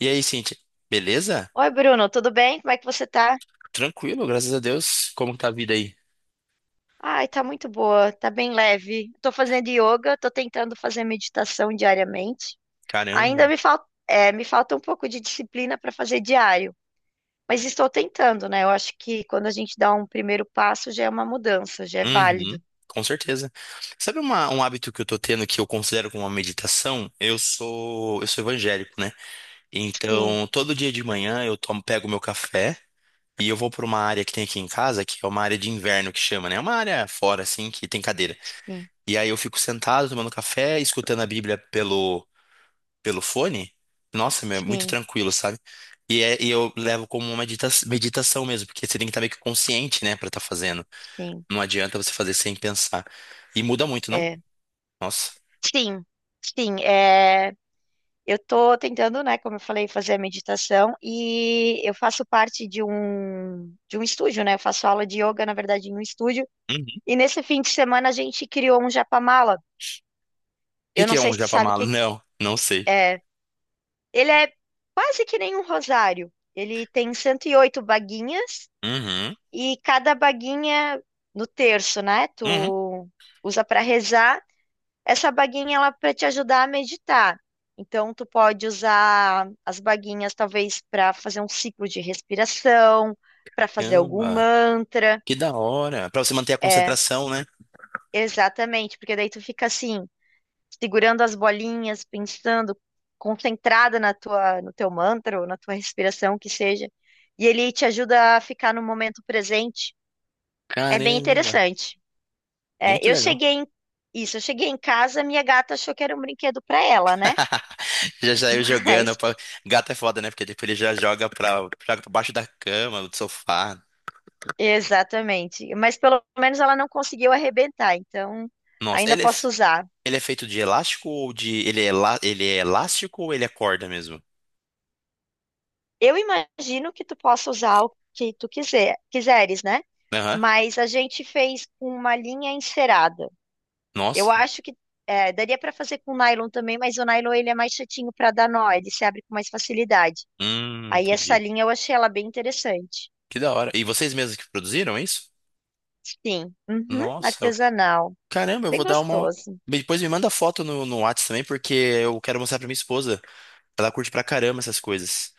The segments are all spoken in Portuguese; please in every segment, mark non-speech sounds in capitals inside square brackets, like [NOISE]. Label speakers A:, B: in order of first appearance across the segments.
A: E aí, Cintia? Beleza?
B: Oi, Bruno, tudo bem? Como é que você tá?
A: Tranquilo, graças a Deus. Como que tá a vida aí?
B: Ai, tá muito boa, tá bem leve. Tô fazendo yoga, tô tentando fazer meditação diariamente. Ainda
A: Caramba.
B: me falta um pouco de disciplina para fazer diário, mas estou tentando, né? Eu acho que quando a gente dá um primeiro passo já é uma mudança, já é
A: Uhum,
B: válido.
A: com certeza. Sabe um hábito que eu tô tendo que eu considero como uma meditação? Eu sou evangélico, né?
B: Sim,
A: Então, todo dia de manhã eu tomo, pego meu café e eu vou pra uma área que tem aqui em casa, que é uma área de inverno que chama, né? É uma área fora, assim, que tem cadeira.
B: sim,
A: E aí eu fico sentado tomando café, escutando a Bíblia pelo fone. Nossa, meu, é muito
B: sim,
A: tranquilo, sabe? E eu levo como uma meditação mesmo, porque você tem que estar meio que consciente, né, pra estar fazendo.
B: sim.
A: Não adianta você fazer sem pensar. E muda muito, não?
B: É.
A: Nossa.
B: Sim, sim. É. Eu tô tentando, né, como eu falei, fazer a meditação e eu faço parte de um estúdio, né? Eu faço aula de yoga, na verdade, em um estúdio.
A: Uhum. O
B: E nesse fim de semana a gente criou um japamala.
A: que
B: Eu
A: que
B: não
A: é
B: sei
A: um
B: se tu
A: japa?
B: sabe o que
A: Não, não sei.
B: é. Ele é quase que nem um rosário. Ele tem 108 baguinhas
A: Uhum,
B: e cada baguinha no terço, né?
A: uhum.
B: Tu usa para rezar. Essa baguinha ela é para te ajudar a meditar. Então tu pode usar as baguinhas talvez para fazer um ciclo de respiração, para fazer algum
A: Caramba,
B: mantra.
A: que da hora. Pra você manter a
B: É,
A: concentração, né?
B: exatamente, porque daí tu fica assim, segurando as bolinhas, pensando, concentrada na tua, no teu mantra ou na tua respiração que seja, e ele te ajuda a ficar no momento presente. É bem
A: Caramba,
B: interessante. É,
A: muito legal.
B: isso, eu cheguei em casa, minha gata achou que era um brinquedo para ela, né?
A: [LAUGHS] Já saiu jogando.
B: [LAUGHS]
A: Pra... Gato é foda, né? Porque depois ele já joga pra baixo da cama, do sofá.
B: Exatamente. Mas pelo menos ela não conseguiu arrebentar, então
A: Nossa,
B: ainda
A: ele é.
B: posso usar.
A: Ele é feito de elástico ou de... Ele é elástico ou ele é corda mesmo?
B: Eu imagino que tu possa usar o que tu quiser, quiseres, né?
A: Aham.
B: Mas a gente fez com uma linha encerada. Eu
A: Nossa.
B: acho que daria para fazer com nylon também, mas o nylon ele é mais chatinho para dar nó, ele se abre com mais facilidade. Aí essa
A: Entendi.
B: linha eu achei ela bem interessante.
A: Que da hora. E vocês mesmos que produziram é isso?
B: Sim, uhum,
A: Nossa.
B: artesanal,
A: Caramba, eu
B: bem
A: vou dar uma...
B: gostoso.
A: Depois me manda foto no Whats também, porque eu quero mostrar pra minha esposa. Ela curte pra caramba essas coisas.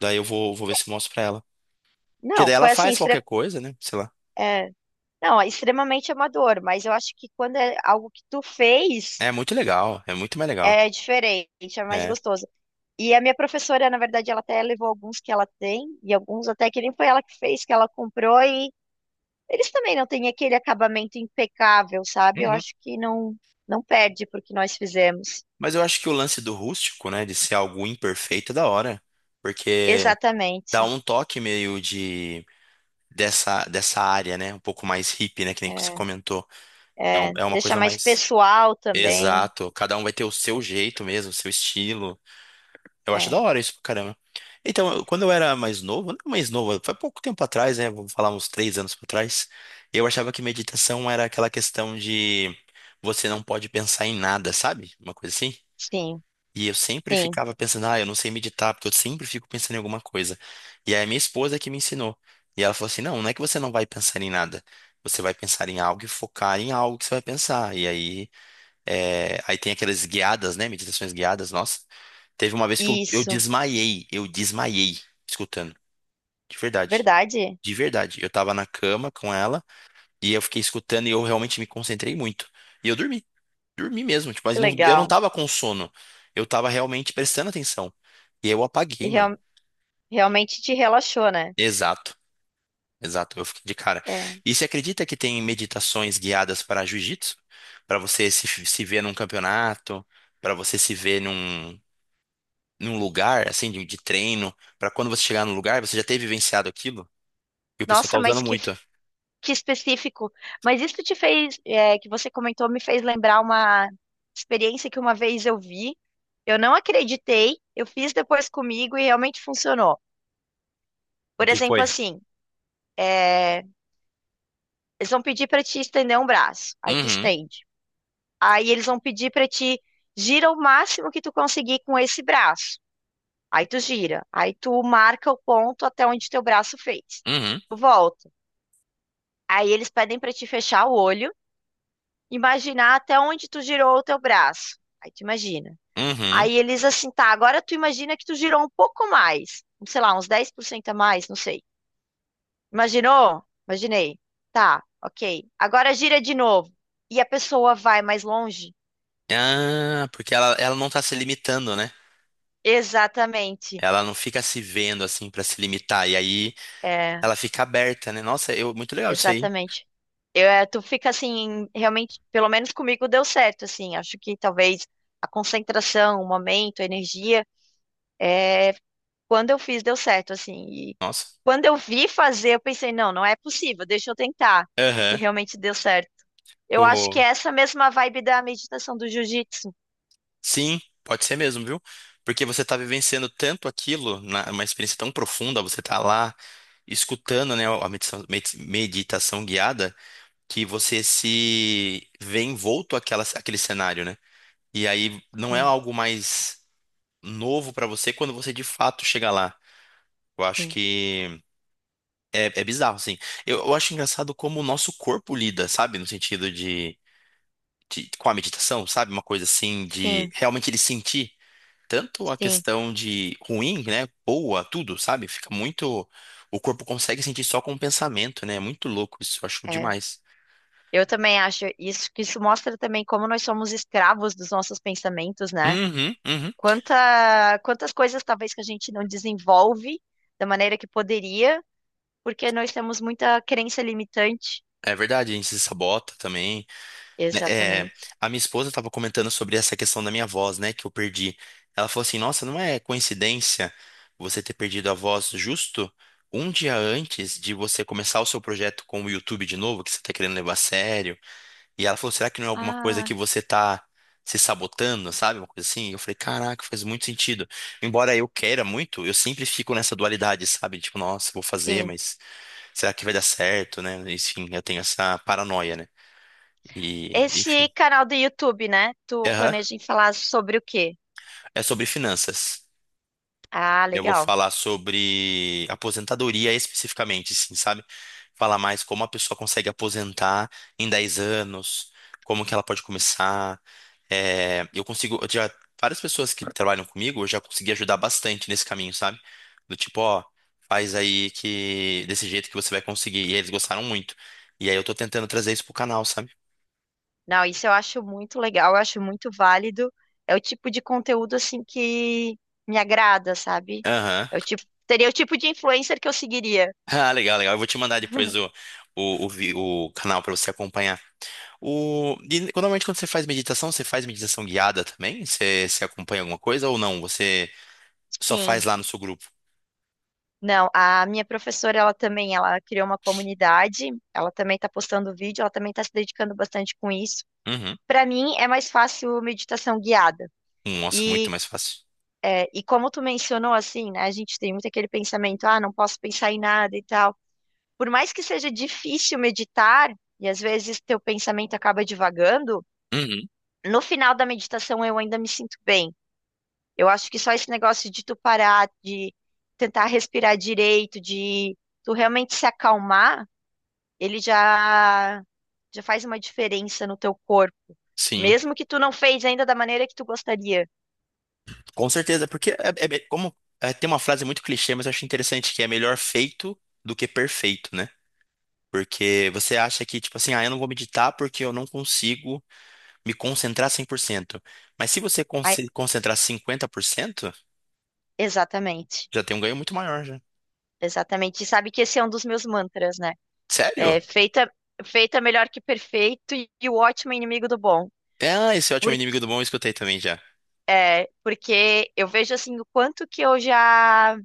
A: Daí eu vou ver se mostro pra ela. Porque
B: Não,
A: daí ela
B: foi assim,
A: faz qualquer coisa, né? Sei lá.
B: não, é extremamente amador, mas eu acho que quando é algo que tu fez,
A: É muito legal. É muito mais legal.
B: é diferente, é mais
A: É.
B: gostoso. E a minha professora, na verdade, ela até levou alguns que ela tem, e alguns até que nem foi ela que fez, que ela comprou, e eles também não têm aquele acabamento impecável, sabe? Eu
A: Uhum.
B: acho que não, não perde porque nós fizemos.
A: Mas eu acho que o lance do rústico, né? De ser algo imperfeito é da hora. Porque... dá
B: Exatamente.
A: um toque meio de dessa área, né? Um pouco mais hippie, né? Que nem que você
B: É,
A: comentou. É,
B: é,
A: é uma
B: deixa
A: coisa
B: mais
A: mais...
B: pessoal também.
A: exato. Cada um vai ter o seu jeito mesmo, o seu estilo. Eu acho
B: É,
A: da hora isso pra caramba. Então, quando eu era mais novo, não mais novo, foi pouco tempo atrás, né? Vou falar uns 3 anos pra trás. Eu achava que meditação era aquela questão de você não pode pensar em nada, sabe? Uma coisa assim.
B: sim,
A: E eu sempre
B: sim.
A: ficava pensando, ah, eu não sei meditar, porque eu sempre fico pensando em alguma coisa. E aí a minha esposa que me ensinou. E ela falou assim, não, não é que você não vai pensar em nada. Você vai pensar em algo e focar em algo que você vai pensar. E aí tem aquelas guiadas, né? Meditações guiadas, nossa. Teve uma vez que eu, eu
B: Isso.
A: desmaiei, eu desmaiei escutando. De verdade.
B: Verdade?
A: De verdade. Eu tava na cama com ela e eu fiquei escutando e eu realmente me concentrei muito. E eu dormi mesmo, tipo, mas
B: Que
A: eu não
B: legal.
A: tava com sono. Eu tava realmente prestando atenção. E aí eu
B: E
A: apaguei, mano.
B: realmente te relaxou, né?
A: Exato, exato. Eu fiquei de cara.
B: É.
A: E você acredita que tem meditações guiadas para jiu-jitsu? Para você se ver num campeonato, para você se ver num lugar, assim, de treino, para quando você chegar no lugar, você já ter vivenciado aquilo? E o pessoal tá
B: Nossa,
A: usando
B: mas que,
A: muito.
B: que específico. Mas isso te fez, que você comentou, me fez lembrar uma experiência que uma vez eu vi. Eu não acreditei, eu fiz depois comigo e realmente funcionou.
A: O
B: Por
A: que que foi?
B: exemplo, assim, é, eles vão pedir para te estender um braço, aí tu
A: Uhum,
B: estende. Aí eles vão pedir para te gira o máximo que tu conseguir com esse braço. Aí tu gira, aí tu marca o ponto até onde teu braço fez.
A: uhum,
B: Tu volta. Aí eles pedem para te fechar o olho. Imaginar até onde tu girou o teu braço. Aí tu imagina.
A: uhum.
B: Aí eles assim, tá, agora tu imagina que tu girou um pouco mais, sei lá, uns 10% a mais, não sei. Imaginou? Imaginei. Tá, ok. Agora gira de novo. E a pessoa vai mais longe?
A: Ah, porque ela não tá se limitando, né?
B: Exatamente.
A: Ela não fica se vendo assim pra se limitar. E aí
B: É,
A: ela fica aberta, né? Nossa, muito legal isso aí.
B: exatamente. Tu fica assim, realmente, pelo menos comigo deu certo, assim. Acho que talvez a concentração, o momento, a energia, é, quando eu fiz, deu certo, assim. E
A: Nossa.
B: quando eu vi fazer, eu pensei, não, não é possível, deixa eu tentar. E
A: Aham.
B: realmente deu certo. Eu acho que é
A: O-
B: essa mesma vibe da meditação do jiu-jitsu.
A: Sim, pode ser mesmo, viu? Porque você tá vivenciando tanto aquilo, uma experiência tão profunda. Você tá lá escutando, né, a meditação, meditação guiada, que você se vê envolto àquele cenário, né? E aí não é
B: Sim,
A: algo mais novo pra você quando você de fato chega lá. Eu acho
B: sim,
A: que é bizarro, assim. Eu acho engraçado como o nosso corpo lida, sabe? No sentido com a meditação, sabe? Uma coisa assim de
B: sim,
A: realmente ele sentir tanto a
B: sim.
A: questão de ruim, né? Boa, tudo, sabe? Fica muito. O corpo consegue sentir só com o pensamento, né? É muito louco isso, eu acho
B: É.
A: demais.
B: Eu também acho isso, que isso mostra também como nós somos escravos dos nossos pensamentos, né?
A: Uhum, uhum.
B: Quantas coisas talvez que a gente não desenvolve da maneira que poderia, porque nós temos muita crença limitante.
A: É verdade, a gente se sabota também, né?
B: Exatamente.
A: A minha esposa estava comentando sobre essa questão da minha voz, né? Que eu perdi. Ela falou assim: nossa, não é coincidência você ter perdido a voz justo um dia antes de você começar o seu projeto com o YouTube de novo, que você está querendo levar a sério. E ela falou, será que não é alguma coisa
B: Ah,
A: que você tá se sabotando, sabe? Uma coisa assim. E eu falei, caraca, faz muito sentido. Embora eu queira muito, eu sempre fico nessa dualidade, sabe? Tipo, nossa, vou fazer,
B: sim.
A: mas será que vai dar certo, né? Enfim, eu tenho essa paranoia, né? E, e-
B: Esse canal do YouTube, né? Tu
A: Aham,
B: planeja em falar sobre o quê?
A: é sobre finanças.
B: Ah,
A: Eu vou
B: legal.
A: falar sobre aposentadoria especificamente, sim, sabe? Falar mais como a pessoa consegue aposentar em 10 anos, como que ela pode começar. Eu consigo, várias pessoas que trabalham comigo, eu já consegui ajudar bastante nesse caminho, sabe? Do tipo, ó, faz aí que desse jeito que você vai conseguir. E eles gostaram muito. E aí eu tô tentando trazer isso pro canal, sabe?
B: Não, isso eu acho muito legal, eu acho muito válido. É o tipo de conteúdo assim que me agrada, sabe?
A: Aham.
B: É o
A: [LAUGHS]
B: tipo, seria o tipo de influencer que eu seguiria.
A: Ah, legal, legal. Eu vou te mandar depois
B: [LAUGHS]
A: o canal pra você acompanhar. E normalmente quando você faz meditação guiada também? Você acompanha alguma coisa ou não? Você só faz
B: Sim.
A: lá no seu grupo?
B: Não, a minha professora, ela também, ela criou uma comunidade, ela também está postando vídeo, ela também está se dedicando bastante com isso.
A: Uhum.
B: Para mim, é mais fácil meditação guiada.
A: Nossa, muito
B: E
A: mais fácil.
B: e como tu mencionou, assim, né, a gente tem muito aquele pensamento, ah, não posso pensar em nada e tal. Por mais que seja difícil meditar, e às vezes teu pensamento acaba divagando,
A: Uhum.
B: no final da meditação eu ainda me sinto bem. Eu acho que só esse negócio de tu parar, de tentar respirar direito, de tu realmente se acalmar, ele já, já faz uma diferença no teu corpo.
A: Sim,
B: Mesmo que tu não fez ainda da maneira que tu gostaria.
A: com certeza, porque é me- como tem uma frase muito clichê, mas eu acho interessante que é melhor feito do que perfeito, né? Porque você acha que, tipo assim, ah, eu não vou meditar porque eu não consigo me concentrar 100%. Mas se você
B: Ai,
A: concentrar 50%,
B: exatamente.
A: já tem um ganho muito maior, já.
B: Exatamente. E sabe que esse é um dos meus mantras, né?
A: Sério?
B: É feita, feita melhor que perfeito e o ótimo é inimigo do bom.
A: Ah, esse é ótimo inimigo
B: Porque,
A: do bom, eu escutei também já.
B: porque eu vejo assim o quanto que eu já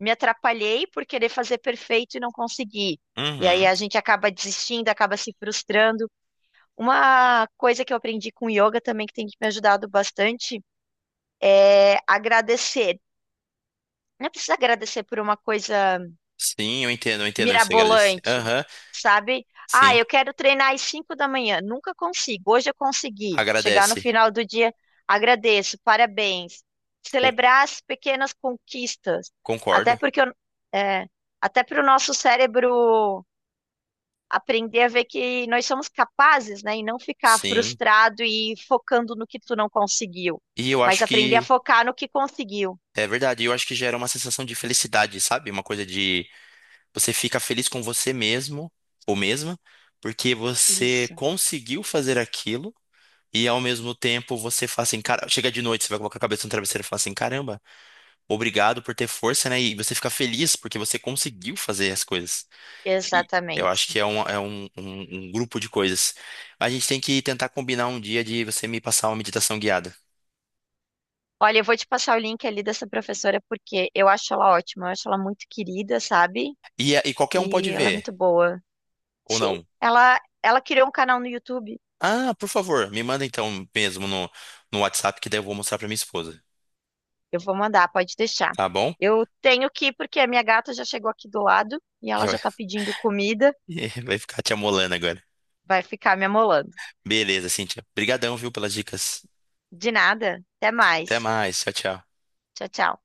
B: me atrapalhei por querer fazer perfeito e não consegui. E aí
A: Uhum.
B: a gente acaba desistindo, acaba se frustrando. Uma coisa que eu aprendi com yoga também, que tem me ajudado bastante, é agradecer. Não precisa agradecer por uma coisa
A: Sim, eu entendo, eu entendo. Você agradece.
B: mirabolante,
A: Aham,
B: sabe? Ah,
A: sim.
B: eu quero treinar às 5 da manhã. Nunca consigo. Hoje eu consegui. Chegar no
A: Agradece.
B: final do dia, agradeço, parabéns.
A: Con-
B: Celebrar as pequenas conquistas. Até
A: Concordo.
B: porque eu- é, até para o nosso cérebro aprender a ver que nós somos capazes, né? E não ficar
A: Sim.
B: frustrado e focando no que tu não conseguiu.
A: E eu
B: Mas
A: acho
B: aprender a
A: que
B: focar no que conseguiu.
A: é verdade, eu acho que gera uma sensação de felicidade, sabe? Uma coisa de você fica feliz com você mesmo ou mesma, porque você
B: Isso,
A: conseguiu fazer aquilo e ao mesmo tempo você fala assim, cara, chega de noite, você vai colocar a cabeça no travesseiro e fala assim, caramba, obrigado por ter força, né? E você fica feliz porque você conseguiu fazer as coisas. E eu acho
B: exatamente.
A: que é um grupo de coisas. A gente tem que tentar combinar um dia de você me passar uma meditação guiada.
B: Olha, eu vou te passar o link ali dessa professora porque eu acho ela ótima, eu acho ela muito querida, sabe?
A: E qualquer um
B: E
A: pode
B: ela é
A: ver,
B: muito boa.
A: ou
B: Sim,
A: não.
B: ela criou um canal no YouTube.
A: Ah, por favor, me manda então mesmo no WhatsApp, que daí eu vou mostrar pra minha esposa.
B: Eu vou mandar, pode deixar.
A: Tá bom?
B: Eu tenho que ir porque a minha gata já chegou aqui do lado e ela
A: Já.
B: já tá pedindo comida,
A: Vai [LAUGHS] vai ficar te amolando agora.
B: vai ficar me amolando.
A: Beleza, Cíntia. Obrigadão, viu, pelas dicas.
B: De nada, até
A: Até
B: mais.
A: mais. Tchau, tchau.
B: Tchau, tchau.